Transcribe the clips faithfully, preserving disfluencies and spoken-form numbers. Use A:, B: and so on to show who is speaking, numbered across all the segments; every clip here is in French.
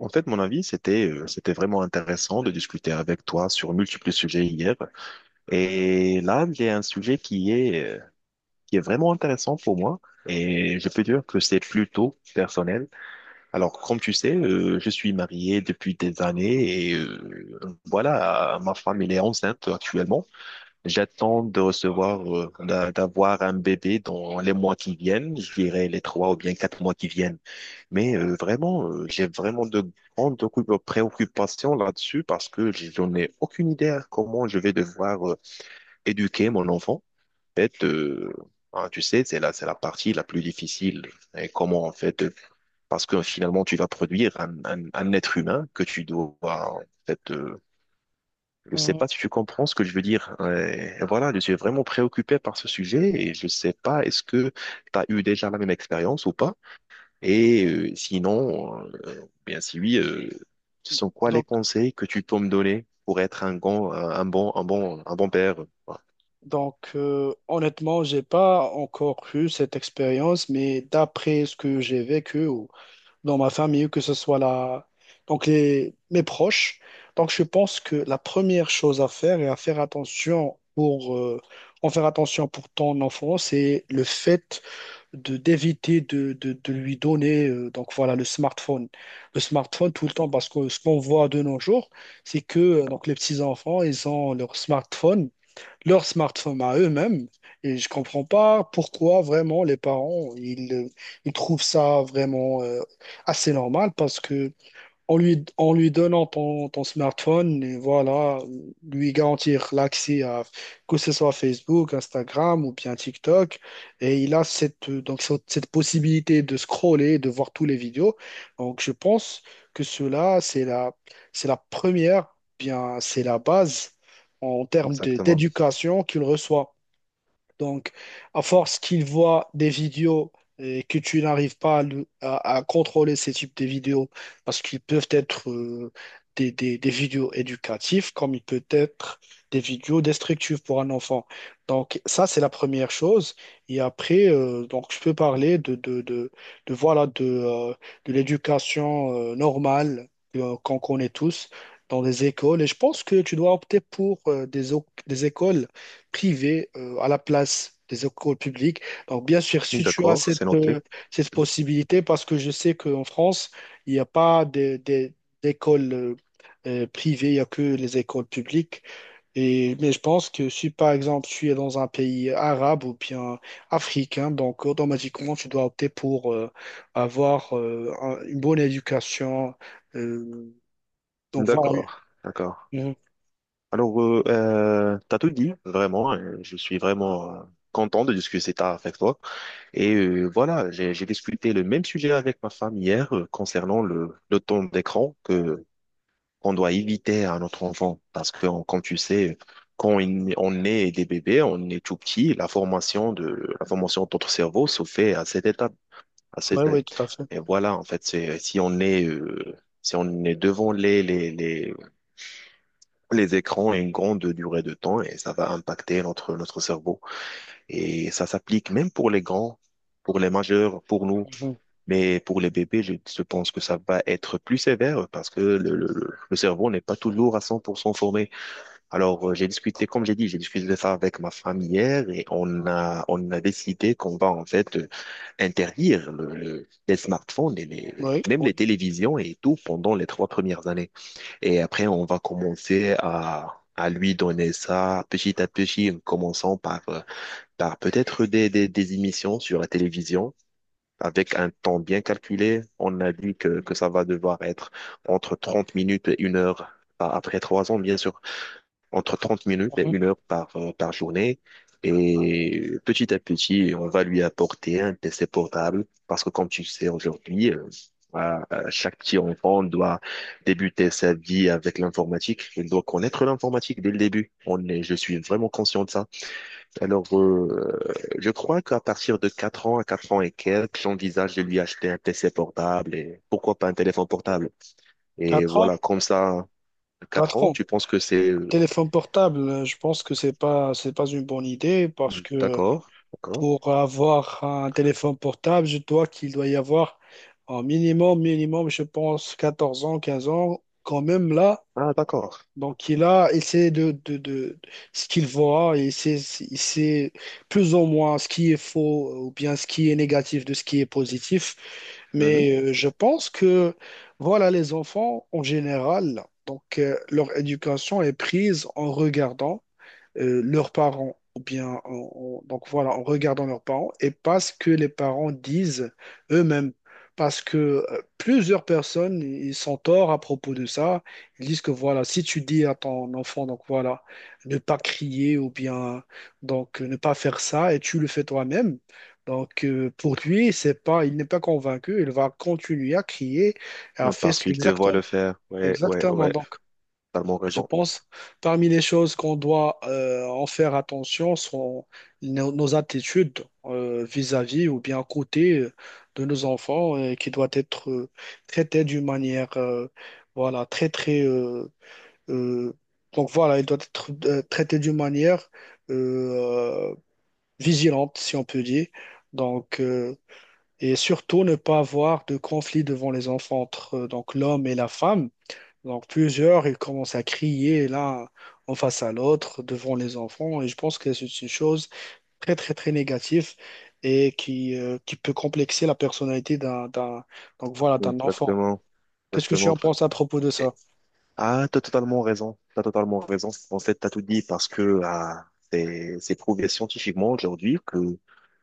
A: En fait, mon avis, c'était euh, c'était vraiment intéressant de discuter avec toi sur multiples sujets hier. Et là, j'ai un sujet qui est euh, qui est vraiment intéressant pour moi. Et je peux dire que c'est plutôt personnel. Alors, comme tu sais, euh, je suis marié depuis des années et euh, voilà, ma femme, elle est enceinte actuellement. J'attends de recevoir, euh, d'a- d'avoir un bébé dans les mois qui viennent, je dirais les trois ou bien quatre mois qui viennent. Mais euh, vraiment, euh, j'ai vraiment de grandes occu- préoccupations là-dessus parce que j'en ai aucune idée à comment je vais devoir euh, éduquer mon enfant. En fait, euh, hein, tu sais, c'est la, c'est la partie la plus difficile. Et comment, en fait, euh, parce que finalement, tu vas produire un, un, un être humain que tu dois, en fait, euh, je sais
B: Mhm.
A: pas si tu comprends ce que je veux dire. Ouais. Et voilà, je suis vraiment préoccupé par ce sujet et je sais pas, est-ce que tu as eu déjà la même expérience ou pas? Et euh, sinon, euh, bien si oui, euh, ce sont quoi les
B: Donc,
A: conseils que tu peux me donner pour être un bon, un bon, un bon, un bon père? Voilà,
B: donc euh, honnêtement, j'ai pas encore eu cette expérience, mais d'après ce que j'ai vécu ou dans ma famille, que ce soit la, donc les, mes proches, donc je pense que la première chose à faire et à faire attention pour euh, en faire attention pour ton enfant, c'est le fait de d'éviter de, de, de lui donner euh, donc voilà le smartphone, le smartphone tout le temps parce que ce qu'on voit de nos jours, c'est que euh, donc les petits enfants ils ont leur smartphone leur smartphone à eux-mêmes. Et je comprends pas pourquoi vraiment les parents, ils, euh, ils trouvent ça vraiment euh, assez normal parce que en lui, en lui donnant ton, ton smartphone, et voilà, lui garantir l'accès à que ce soit Facebook, Instagram ou bien TikTok. Et il a cette, euh, donc, cette cette possibilité de scroller, de voir tous les vidéos. Donc, je pense que cela, c'est la, c'est la première, bien, c'est la base en termes de-
A: exactement.
B: d'éducation qu'il reçoit. Donc, à force qu'ils voient des vidéos et que tu n'arrives pas à, le- à- à contrôler ces types de vidéos, parce qu'ils peuvent être euh, des, des- des vidéos éducatives, comme ils peuvent être des vidéos destructives pour un enfant. Donc, ça, c'est la première chose. Et après, euh, donc, je peux parler de, de, de, de, voilà, de, euh, de l'éducation euh, normale euh, qu'on connaît tous dans les écoles. Et je pense que tu dois opter pour euh, des, o- des écoles privées euh, à la place des écoles publiques. Donc, bien sûr, si tu as
A: D'accord,
B: cette,
A: c'est
B: euh,
A: noté.
B: cette possibilité, parce que je sais qu'en France, il n'y a pas des- des- d'écoles euh, euh, privées, il n'y a que les écoles publiques. Et, mais je pense que si par exemple tu es dans un pays arabe ou bien africain, donc automatiquement tu dois opter pour euh, avoir euh, un- une bonne éducation. euh, donc voilà.
A: D'accord, d'accord.
B: Oui,
A: Alors, euh, euh, t'as tout dit, vraiment. euh, Je suis vraiment euh, content de discuter ça avec toi. Et euh, voilà, j'ai j'ai discuté le même sujet avec ma femme hier euh, concernant le, le temps d'écran que qu'on doit éviter à notre enfant. Parce que, on- comme tu sais, quand il- on est des bébés, on est tout petit, la formation de, la formation de notre cerveau se fait à cette étape, à cette,
B: oui, tout à fait.
A: et voilà, en fait, c'est, si on est, euh, si on est devant les, les, les, les écrans une grande durée de temps, et ça va impacter notre, notre cerveau. Et ça s'applique même pour les grands, pour les majeurs, pour nous.
B: Mhm.
A: Mais pour les bébés, je, je pense que ça va être plus sévère parce que le, le, le le cerveau n'est pas toujours à cent pour cent formé. Alors, euh, j'ai discuté, comme j'ai dit, j'ai discuté de ça avec ma famille hier et on a, on a décidé qu'on va en fait euh, interdire le- le- les smartphones et les,
B: Oui,
A: même les
B: oui.
A: télévisions et tout pendant les trois premières années. Et après, on va commencer à, à lui donner ça petit à petit, en commençant par, euh, par peut-être des, des, des émissions sur la télévision. Avec un temps bien calculé, on a dit que, que ça va devoir être entre trente minutes et une heure, a- après trois ans, bien sûr entre trente minutes et
B: Mhm.
A: une heure par, euh, par journée. Et petit à petit, on va lui apporter un P C portable parce que comme tu le sais aujourd'hui, euh, à- à chaque petit enfant doit débuter sa vie avec l'informatique. Il doit connaître l'informatique dès le début. On est, je suis vraiment conscient de ça. Alors, euh, je crois qu'à partir de quatre ans à quatre ans et quelques, j'envisage de lui acheter un P C portable et pourquoi pas un téléphone portable. Et
B: Quatre ans?
A: voilà, comme ça, quatre
B: Quatre
A: ans,
B: ans.
A: tu penses que c'est euh,
B: Téléphone portable, euh, je pense que c'est pas, c'est pas une bonne idée parce
A: Hmm,
B: que
A: d'accord, d'accord.
B: pour avoir un téléphone portable, je dois qu'il doit y avoir un minimum, minimum, je pense, quatorze ans, quinze ans, quand même là.
A: Ah, d'accord.
B: Donc il a essayé de, de, de ce qu'il voit et c'est il sait plus ou moins ce qui est faux ou bien ce qui est négatif de ce qui est positif.
A: Mhm.
B: Mais euh, je pense que voilà les enfants en général, donc euh, leur éducation est prise en regardant euh, leurs parents, ou bien en, en- donc voilà, en regardant leurs parents, et pas ce que les parents disent eux-mêmes. Parce que euh, plusieurs personnes, ils sont torts à propos de ça. Ils disent que voilà, si tu dis à ton enfant, donc voilà, ne pas crier ou bien donc euh, ne pas faire ça, et tu le fais toi-même. Donc euh, pour lui, c'est pas, il n'est pas convaincu. Il va continuer à crier, à
A: Non,
B: faire
A: parce qu'il te voit
B: exactement,
A: le faire. Ouais, ouais,
B: exactement.
A: ouais.
B: Donc
A: Totalement
B: je
A: raison.
B: pense, parmi les choses qu'on doit euh, en faire attention sont nos, nos attitudes euh, vis-à-vis ou bien à côté euh, de nos enfants euh, qui doit être euh, traitée d'une manière euh, voilà très très euh, euh, donc voilà il doit être euh, traité d'une manière euh, vigilante si on peut dire donc euh, et surtout ne pas avoir de conflit devant les enfants entre euh, donc l'homme et la femme donc plusieurs, ils commencent à crier l'un en face à l'autre devant les enfants. Et je pense que c'est une chose très, très, très négative et qui, euh, qui peut complexer la personnalité d'un, d'un, donc voilà, d'un enfant.
A: Exactement,
B: Qu'est-ce que tu en
A: exactement.
B: penses à propos de
A: Et-
B: ça?
A: Ah, t'as totalement raison. T'as totalement raison. En fait, t'as tout dit parce que ah, c'est c'est prouvé scientifiquement aujourd'hui que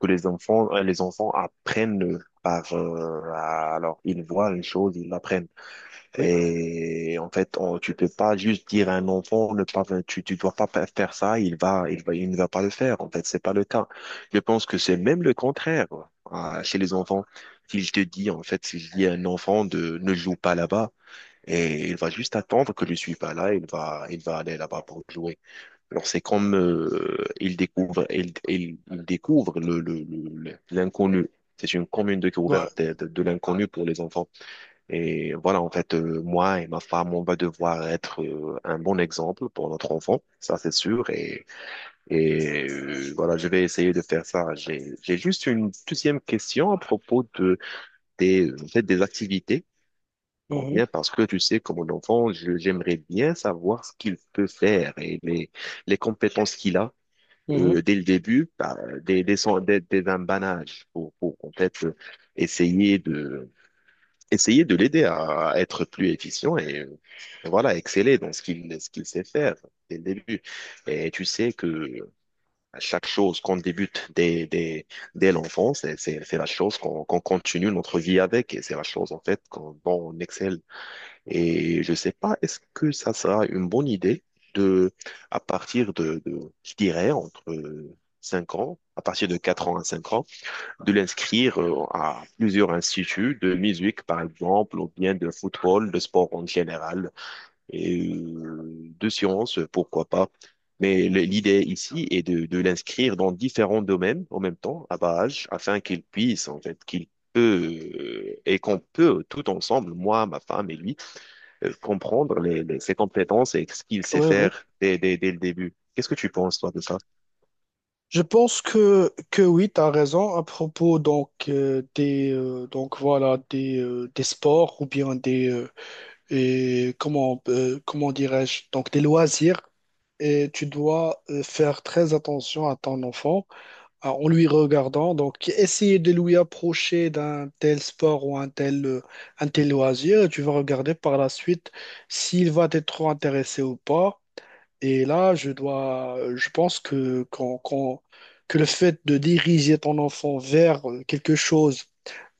A: que les enfants euh, les enfants apprennent par euh, alors ils voient une chose, ils l'apprennent.
B: Oui.
A: Et en fait, on, tu peux pas juste dire à un enfant, ne pas, tu, tu dois pas fa- faire ça, il va, il va, il ne va pas le faire. En fait, c'est pas le cas. Je pense que c'est même le contraire, quoi, à- chez les enfants. S'il te dis en fait, s'il dit à un enfant de ne joue pas là-bas, et il va juste attendre que je suis pas là, il va, il va aller là-bas pour jouer. Alors, c'est comme, euh, il découvre, il, il, il découvre le, le, le- le- l'inconnu. C'est une commune
B: Ouais.
A: découverte de, de de l'inconnu pour les enfants. Et voilà, en fait, euh, moi et ma femme, on va devoir être euh, un bon exemple pour notre enfant, ça c'est sûr. Et, et euh, voilà, je vais essayer de faire ça. J'ai, j'ai juste une deuxième question à propos de, des, en fait, des activités. On
B: Mhm.
A: vient parce que tu sais, comme mon enfant, je- j'aimerais bien savoir ce qu'il peut faire et les, les compétences qu'il a
B: Mhm.
A: euh, dès le début, bah, dès, dès, son- dès, dès un bas âge, pour, pour en fait euh, essayer de essayer de l'aider à être plus efficient et euh, voilà, exceller dans ce qu'il ce qu'il sait faire dès le début. Et tu sais que à chaque chose qu'on débute dès, dès, dès l'enfance, c'est c'est- c'est la chose qu'on qu'on continue notre vie avec et c'est la chose en fait qu'on, dont on excelle. Et je sais pas, est-ce que ça sera une bonne idée de, à partir de, de je dirais, entre cinq ans, à partir de quatre ans à cinq ans, de l'inscrire euh, à plusieurs instituts de musique, par exemple, ou bien de football, de sport en général, et euh, de sciences, pourquoi pas. Mais l- l'idée ici est de, de l'inscrire dans différents domaines en même temps, à bas âge, afin qu'il puisse, en fait, qu'il peut, euh, et qu'on peut tout ensemble, moi, ma femme et lui, euh, comprendre les, les- ses compétences et ce qu'il sait
B: Oui, oui.
A: faire dès, dès, dès le début. Qu'est-ce que tu penses, toi, de ça?
B: Je pense que, que oui, tu as raison à propos donc, euh, des, euh, donc, voilà, des, euh, des sports ou bien des, euh, et comment, euh, comment dirais-je, donc des loisirs et tu dois euh, faire très attention à ton enfant euh, en lui regardant. Donc, essayer de lui approcher d'un tel sport ou un tel, euh, un tel loisir. Tu vas regarder par la suite s'il va être trop intéressé ou pas. Et là, je dois, je pense que, quand, quand- que le fait de diriger ton enfant vers quelque chose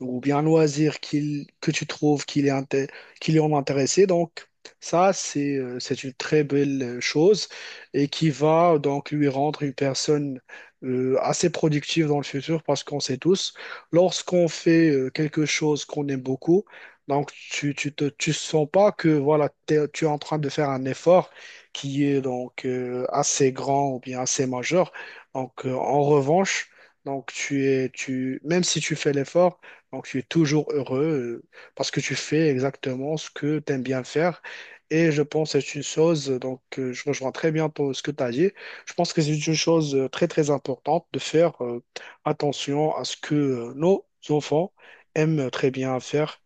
B: ou bien un loisir qu'il, que tu trouves qu'il est, inté- qu'il est en intéressé, donc ça, c'est euh, c'est une très belle euh, chose et qui va donc lui rendre une personne euh, assez productive dans le futur parce qu'on sait tous, lorsqu'on fait euh, quelque chose qu'on aime beaucoup, donc tu, tu te, tu sens pas que voilà, t'es- tu es en train de faire un effort qui est donc euh, assez grand ou bien assez majeur. Donc, euh, en revanche, donc tu es, tu, même si tu fais l'effort, donc tu es toujours heureux euh, parce que tu fais exactement ce que tu aimes bien faire. Et je pense que c'est une chose, euh, donc euh, je rejoins très bien ton- ce que tu as dit. Je pense que c'est une chose euh, très très importante de faire euh, attention à ce que euh, nos enfants aiment très bien faire.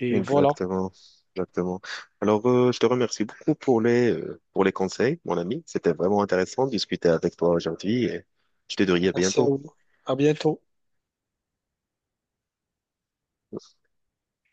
B: Et voilà.
A: Exactement, exactement. Alors, euh, je te remercie beaucoup pour les, euh, pour les conseils, mon ami. C'était vraiment intéressant de discuter avec toi aujourd'hui et je te dirai à
B: Merci à
A: bientôt.
B: vous. À bientôt.